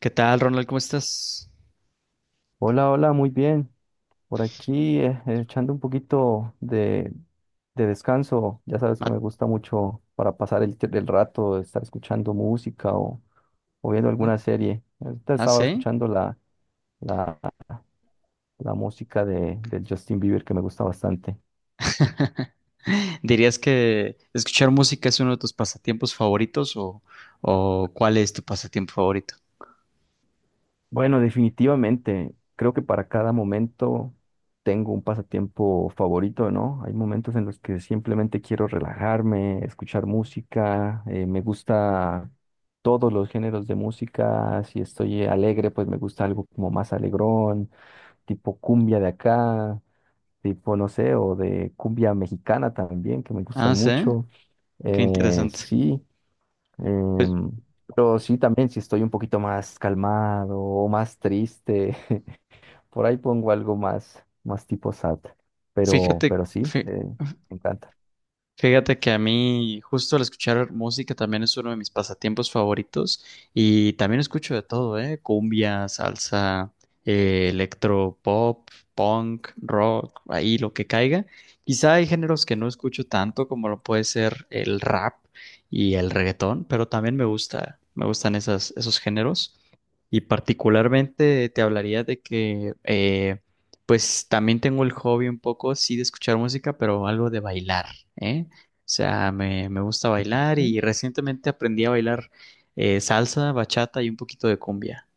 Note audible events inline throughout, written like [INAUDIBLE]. ¿Qué tal, Ronald? ¿Cómo estás? Hola, hola, muy bien. Por aquí echando un poquito de descanso. Ya sabes que Ah, me gusta mucho para pasar el rato, estar escuchando música o viendo ah, alguna serie. Ahorita estaba ¿Sí? escuchando la, la música de Justin Bieber que me gusta bastante. ¿Dirías que escuchar música es uno de tus pasatiempos favoritos o cuál es tu pasatiempo favorito? Bueno, definitivamente, creo que para cada momento tengo un pasatiempo favorito, ¿no? Hay momentos en los que simplemente quiero relajarme, escuchar música, me gusta todos los géneros de música. Si estoy alegre, pues me gusta algo como más alegrón, tipo cumbia de acá, tipo, no sé, o de cumbia mexicana también, que me Ah, gustan ¿sí? mucho. Qué interesante. Sí. Pues Em, pero sí, también si estoy un poquito más calmado o más triste, [LAUGHS] por ahí pongo algo más, más tipo sad. Pero, fíjate, pero sí, fí- me encanta. Fíjate que a mí justo al escuchar música también es uno de mis pasatiempos favoritos y también escucho de todo, ¿eh? Cumbia, salsa, electro, pop, punk, rock, ahí lo que caiga. Quizá hay géneros que no escucho tanto como lo puede ser el rap y el reggaetón, pero también me gustan esos géneros y particularmente te hablaría de que pues también tengo el hobby un poco, sí, de escuchar música, pero algo de bailar. ¿Eh? O sea, me gusta bailar Mm. y recientemente aprendí a bailar salsa, bachata y un poquito de cumbia.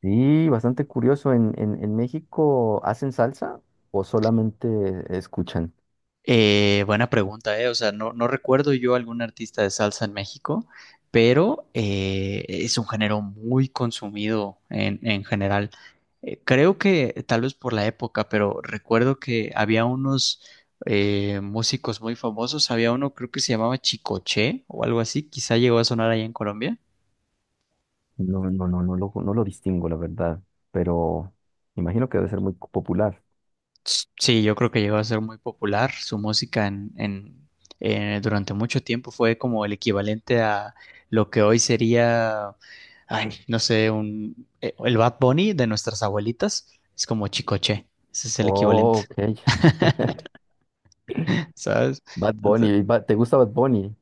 Sí, bastante curioso. ¿En México hacen salsa o solamente escuchan? Buena pregunta, ¿eh? O sea, no, no recuerdo yo algún artista de salsa en México, pero es un género muy consumido en general. Creo que tal vez por la época, pero recuerdo que había unos músicos muy famosos. Había uno, creo que se llamaba Chicoche o algo así, quizá llegó a sonar allá en Colombia. No, no lo distingo, la verdad. Pero imagino que debe ser muy popular. Sí, yo creo que llegó a ser muy popular. Su música durante mucho tiempo fue como el equivalente a lo que hoy sería, ay, no sé, el Bad Bunny de nuestras abuelitas. Es como Chicoche. Ese es el equivalente, Oh, ok. [LAUGHS] ¿sabes? Bad Bunny. ¿Te gusta Bad Bunny?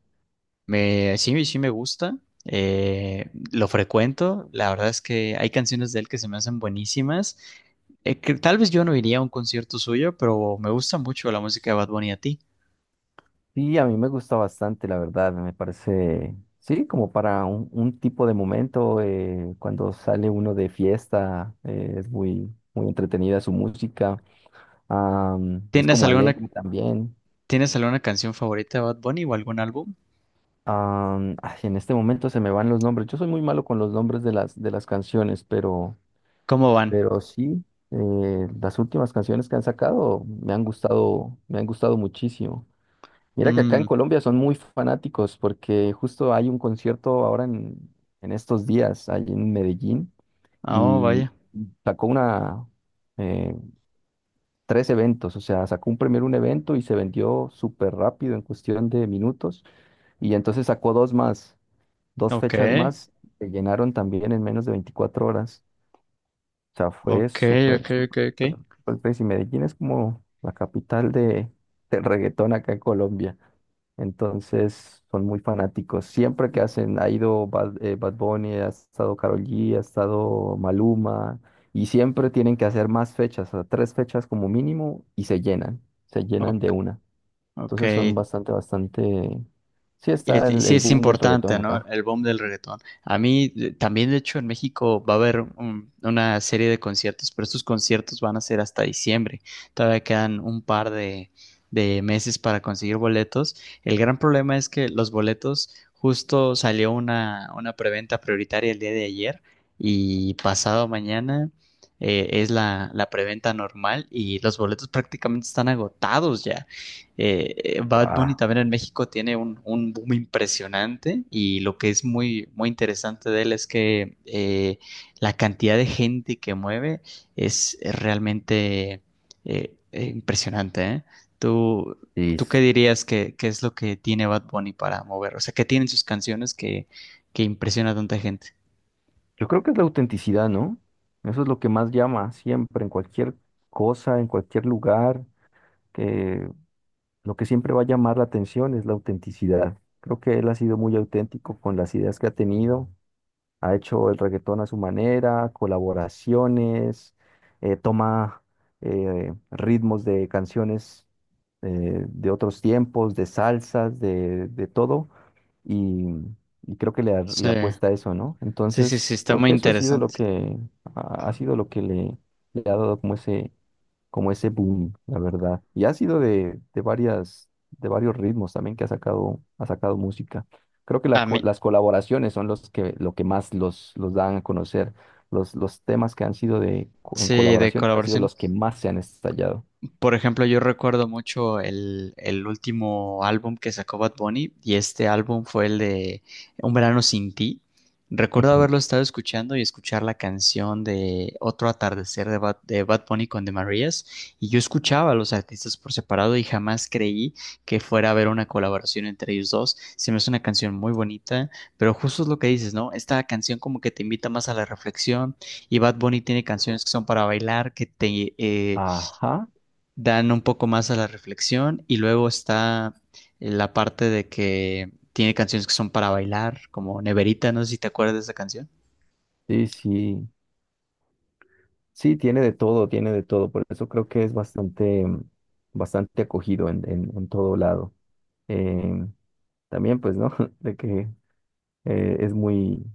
Sí, sí me gusta, lo frecuento, la verdad es que hay canciones de él que se me hacen buenísimas. Que tal vez yo no iría a un concierto suyo, pero me gusta mucho la música de Bad Bunny a ti. Sí, a mí me gusta bastante, la verdad, me parece, sí, como para un tipo de momento, cuando sale uno de fiesta, es muy, muy entretenida su música, es ¿Tienes como alguna, alegre también. ¿tienes alguna canción favorita de Bad Bunny o algún álbum? Ay, en este momento se me van los nombres, yo soy muy malo con los nombres de las canciones, pero, ¿Cómo van? pero sí, las últimas canciones que han sacado me han gustado muchísimo. Mira que acá en Mm, Colombia son muy fanáticos porque justo hay un concierto ahora en estos días, ahí en Medellín, oh, y vaya. sacó eh, tres eventos. O sea, sacó un primero un evento y se vendió súper rápido en cuestión de minutos, y entonces sacó dos más, dos Ok, fechas más, se llenaron también en menos de 24 horas. O sea, fue ok, súper, ok, ok, súper, ok. súper, súper crazy. Medellín es como la capital de, del reggaetón acá en Colombia. Entonces son muy fanáticos. Siempre que hacen, ha ido Bad Bunny, ha estado Karol G, ha estado Maluma, y siempre tienen que hacer más fechas, a tres fechas como mínimo, y se llenan de Ok, una. ok. Entonces son bastante, bastante. Sí, está el, sí, el es boom del reggaetón importante, ¿no? acá. El boom del reggaetón. A mí también, de hecho, en México va a haber una serie de conciertos, pero estos conciertos van a ser hasta diciembre. Todavía quedan un par de meses para conseguir boletos. El gran problema es que los boletos, justo salió una preventa prioritaria el día de ayer y pasado mañana es la preventa normal y los boletos prácticamente están agotados ya. Bad Bunny Wow. también en México tiene un boom impresionante y lo que es muy, muy interesante de él es que la cantidad de gente que mueve es realmente impresionante, ¿eh? ¿Tú, Y ¿tú qué dirías que es lo que tiene Bad Bunny para mover? O sea, ¿qué tienen sus canciones que impresiona a tanta gente? Yo creo que es la autenticidad, ¿no? Eso es lo que más llama siempre, en cualquier cosa, en cualquier lugar, que lo que siempre va a llamar la atención es la autenticidad. Creo que él ha sido muy auténtico con las ideas que ha tenido, ha hecho el reggaetón a su manera, colaboraciones, toma ritmos de canciones de otros tiempos, de salsas, de todo, y, y creo que le, a- Sí, le apuesta a eso, ¿no? sí, sí, sí, Entonces, está creo muy que eso ha sido lo interesante. que ha sido lo que le ha dado como ese boom, la verdad. Y ha sido de varias, de varios ritmos también que ha sacado música. Creo que A mí, las colaboraciones son lo que más los dan a conocer. Los temas que han sido en sí, de colaboración han sido los que colaboraciones. más se han estallado. Por ejemplo, yo recuerdo mucho el último álbum que sacó Bad Bunny y este álbum fue el de Un verano sin ti. Recuerdo Ujú. haberlo estado escuchando y escuchar la canción de Otro atardecer de de Bad Bunny con The Marías y yo escuchaba a los artistas por separado y jamás creí que fuera a haber una colaboración entre ellos dos. Se me hace una canción muy bonita, pero justo es lo que dices, ¿no? Esta canción como que te invita más a la reflexión y Bad Bunny tiene canciones que son para bailar, que te... Ajá, dan un poco más a la reflexión y luego está la parte de que tiene canciones que son para bailar, como Neverita, no sé si te acuerdas de esa canción, sí, sí, sí, tiene de todo, por eso creo que es bastante, mm, bastante acogido en todo lado. Em, también, pues, ¿no? [LAUGHS] De que es muy,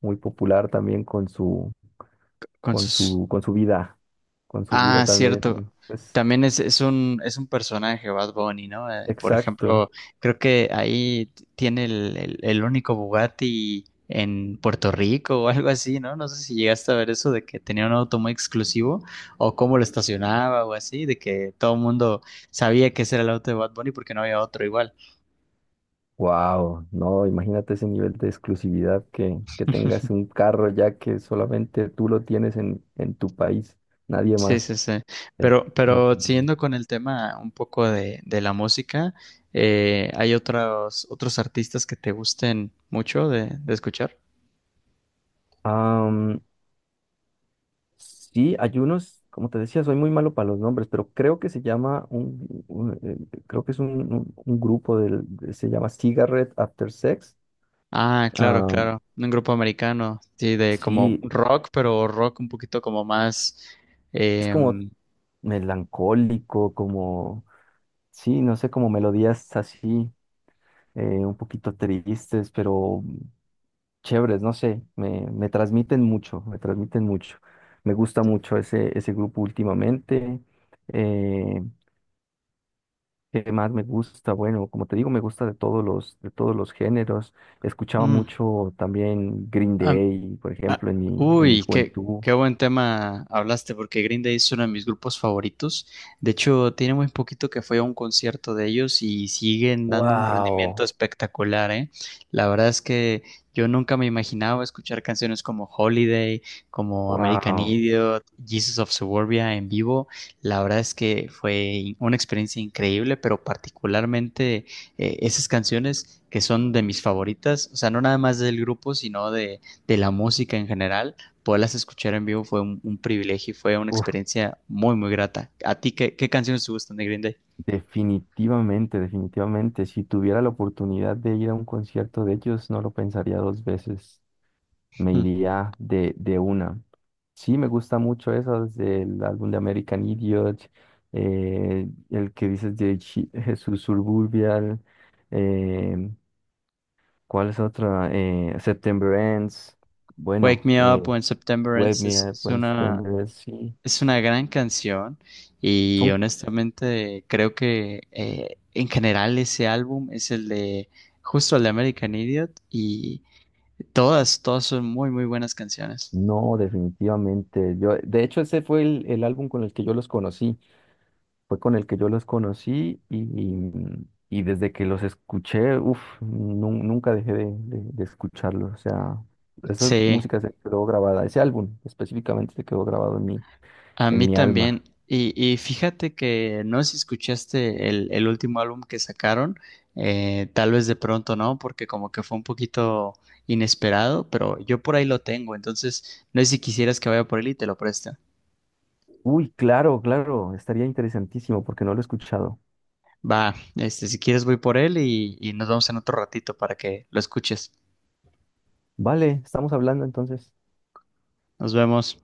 muy popular también con su, con con sus... su, con su vida, con su vida Ah, también, cierto. pues, También es un personaje Bad Bunny, ¿no? Por exacto. ejemplo, creo que ahí tiene el único Bugatti en Puerto Rico o algo así, ¿no? No sé si llegaste a ver eso de que tenía un auto muy exclusivo o cómo lo estacionaba o así, de que todo el mundo sabía que ese era el auto de Bad Bunny porque no había otro igual. Wow, no, imagínate ese nivel de exclusividad que tengas un carro ya que solamente tú lo tienes en tu país, nadie Sí, más. sí, sí. Es Pero increíble. siguiendo con el tema un poco de la música, ¿hay otros artistas que te gusten mucho de escuchar? Am, sí, hay unos, como te decía, soy muy malo para los nombres, pero creo que se llama creo que es un grupo se llama Cigarette After Sex. Ah, claro, claro. Un grupo americano, sí, de como Sí, rock, pero rock un poquito como más... es como em, melancólico, como, sí, no sé, como melodías así, un poquito tristes, pero chéveres, no sé, me transmiten mucho, me transmiten mucho. Me gusta mucho ese grupo últimamente. Eh, ¿Qué más me gusta? Bueno, como te digo, me gusta de todos los géneros. Escuchaba mm, mucho también Green am- Day, por Ah, ejemplo, en mi uy, juventud. qué buen tema hablaste, porque Green Day es uno de mis grupos favoritos. De hecho, tiene muy poquito que fui a un concierto de ellos y siguen dando un rendimiento ¡Wow! espectacular, ¿eh? La verdad es que yo nunca me imaginaba escuchar canciones como Holiday, como American ¡Wow! Idiot, Jesus of Suburbia en vivo. La verdad es que fue una experiencia increíble, pero particularmente esas canciones que son de mis favoritas, o sea, no nada más del grupo, sino de la música en general, poderlas escuchar en vivo fue un privilegio y fue una experiencia muy, muy grata. ¿A ti qué, qué canciones te gustan de Green Day? Definitivamente, definitivamente. Si tuviera la oportunidad de ir a un concierto de ellos, no lo pensaría dos veces. Me Hmm. iría de una. Sí, me gusta mucho eso, desde el álbum de American Idiot, el que dices de [LAUGHS] Jesús Suburbial, eh, ¿cuál es otra? September Ends, Wake bueno, Me Up When September Wake Ends Me Up When September Ends, sí. es una gran canción y Son- honestamente creo que en general ese álbum es el de justo el de American Idiot y todas, todas son muy, muy buenas canciones. No, definitivamente. Yo, de hecho, ese fue el álbum con el que yo los conocí. Fue con el que yo los conocí y desde que los escuché, uff, nunca dejé de escucharlos. O sea, esa Sí. música se quedó grabada, ese álbum específicamente se quedó grabado A en mí mi alma. también. Y fíjate que no sé si escuchaste el último álbum que sacaron, tal vez de pronto no, porque como que fue un poquito inesperado, pero yo por ahí lo tengo, entonces no sé si quisieras que vaya por él y te lo preste. Uy, claro, claro, estaría interesantísimo porque no lo he escuchado. Va, este, si quieres voy por él y nos vemos en otro ratito para que lo escuches. Vale, estamos hablando entonces. Nos vemos.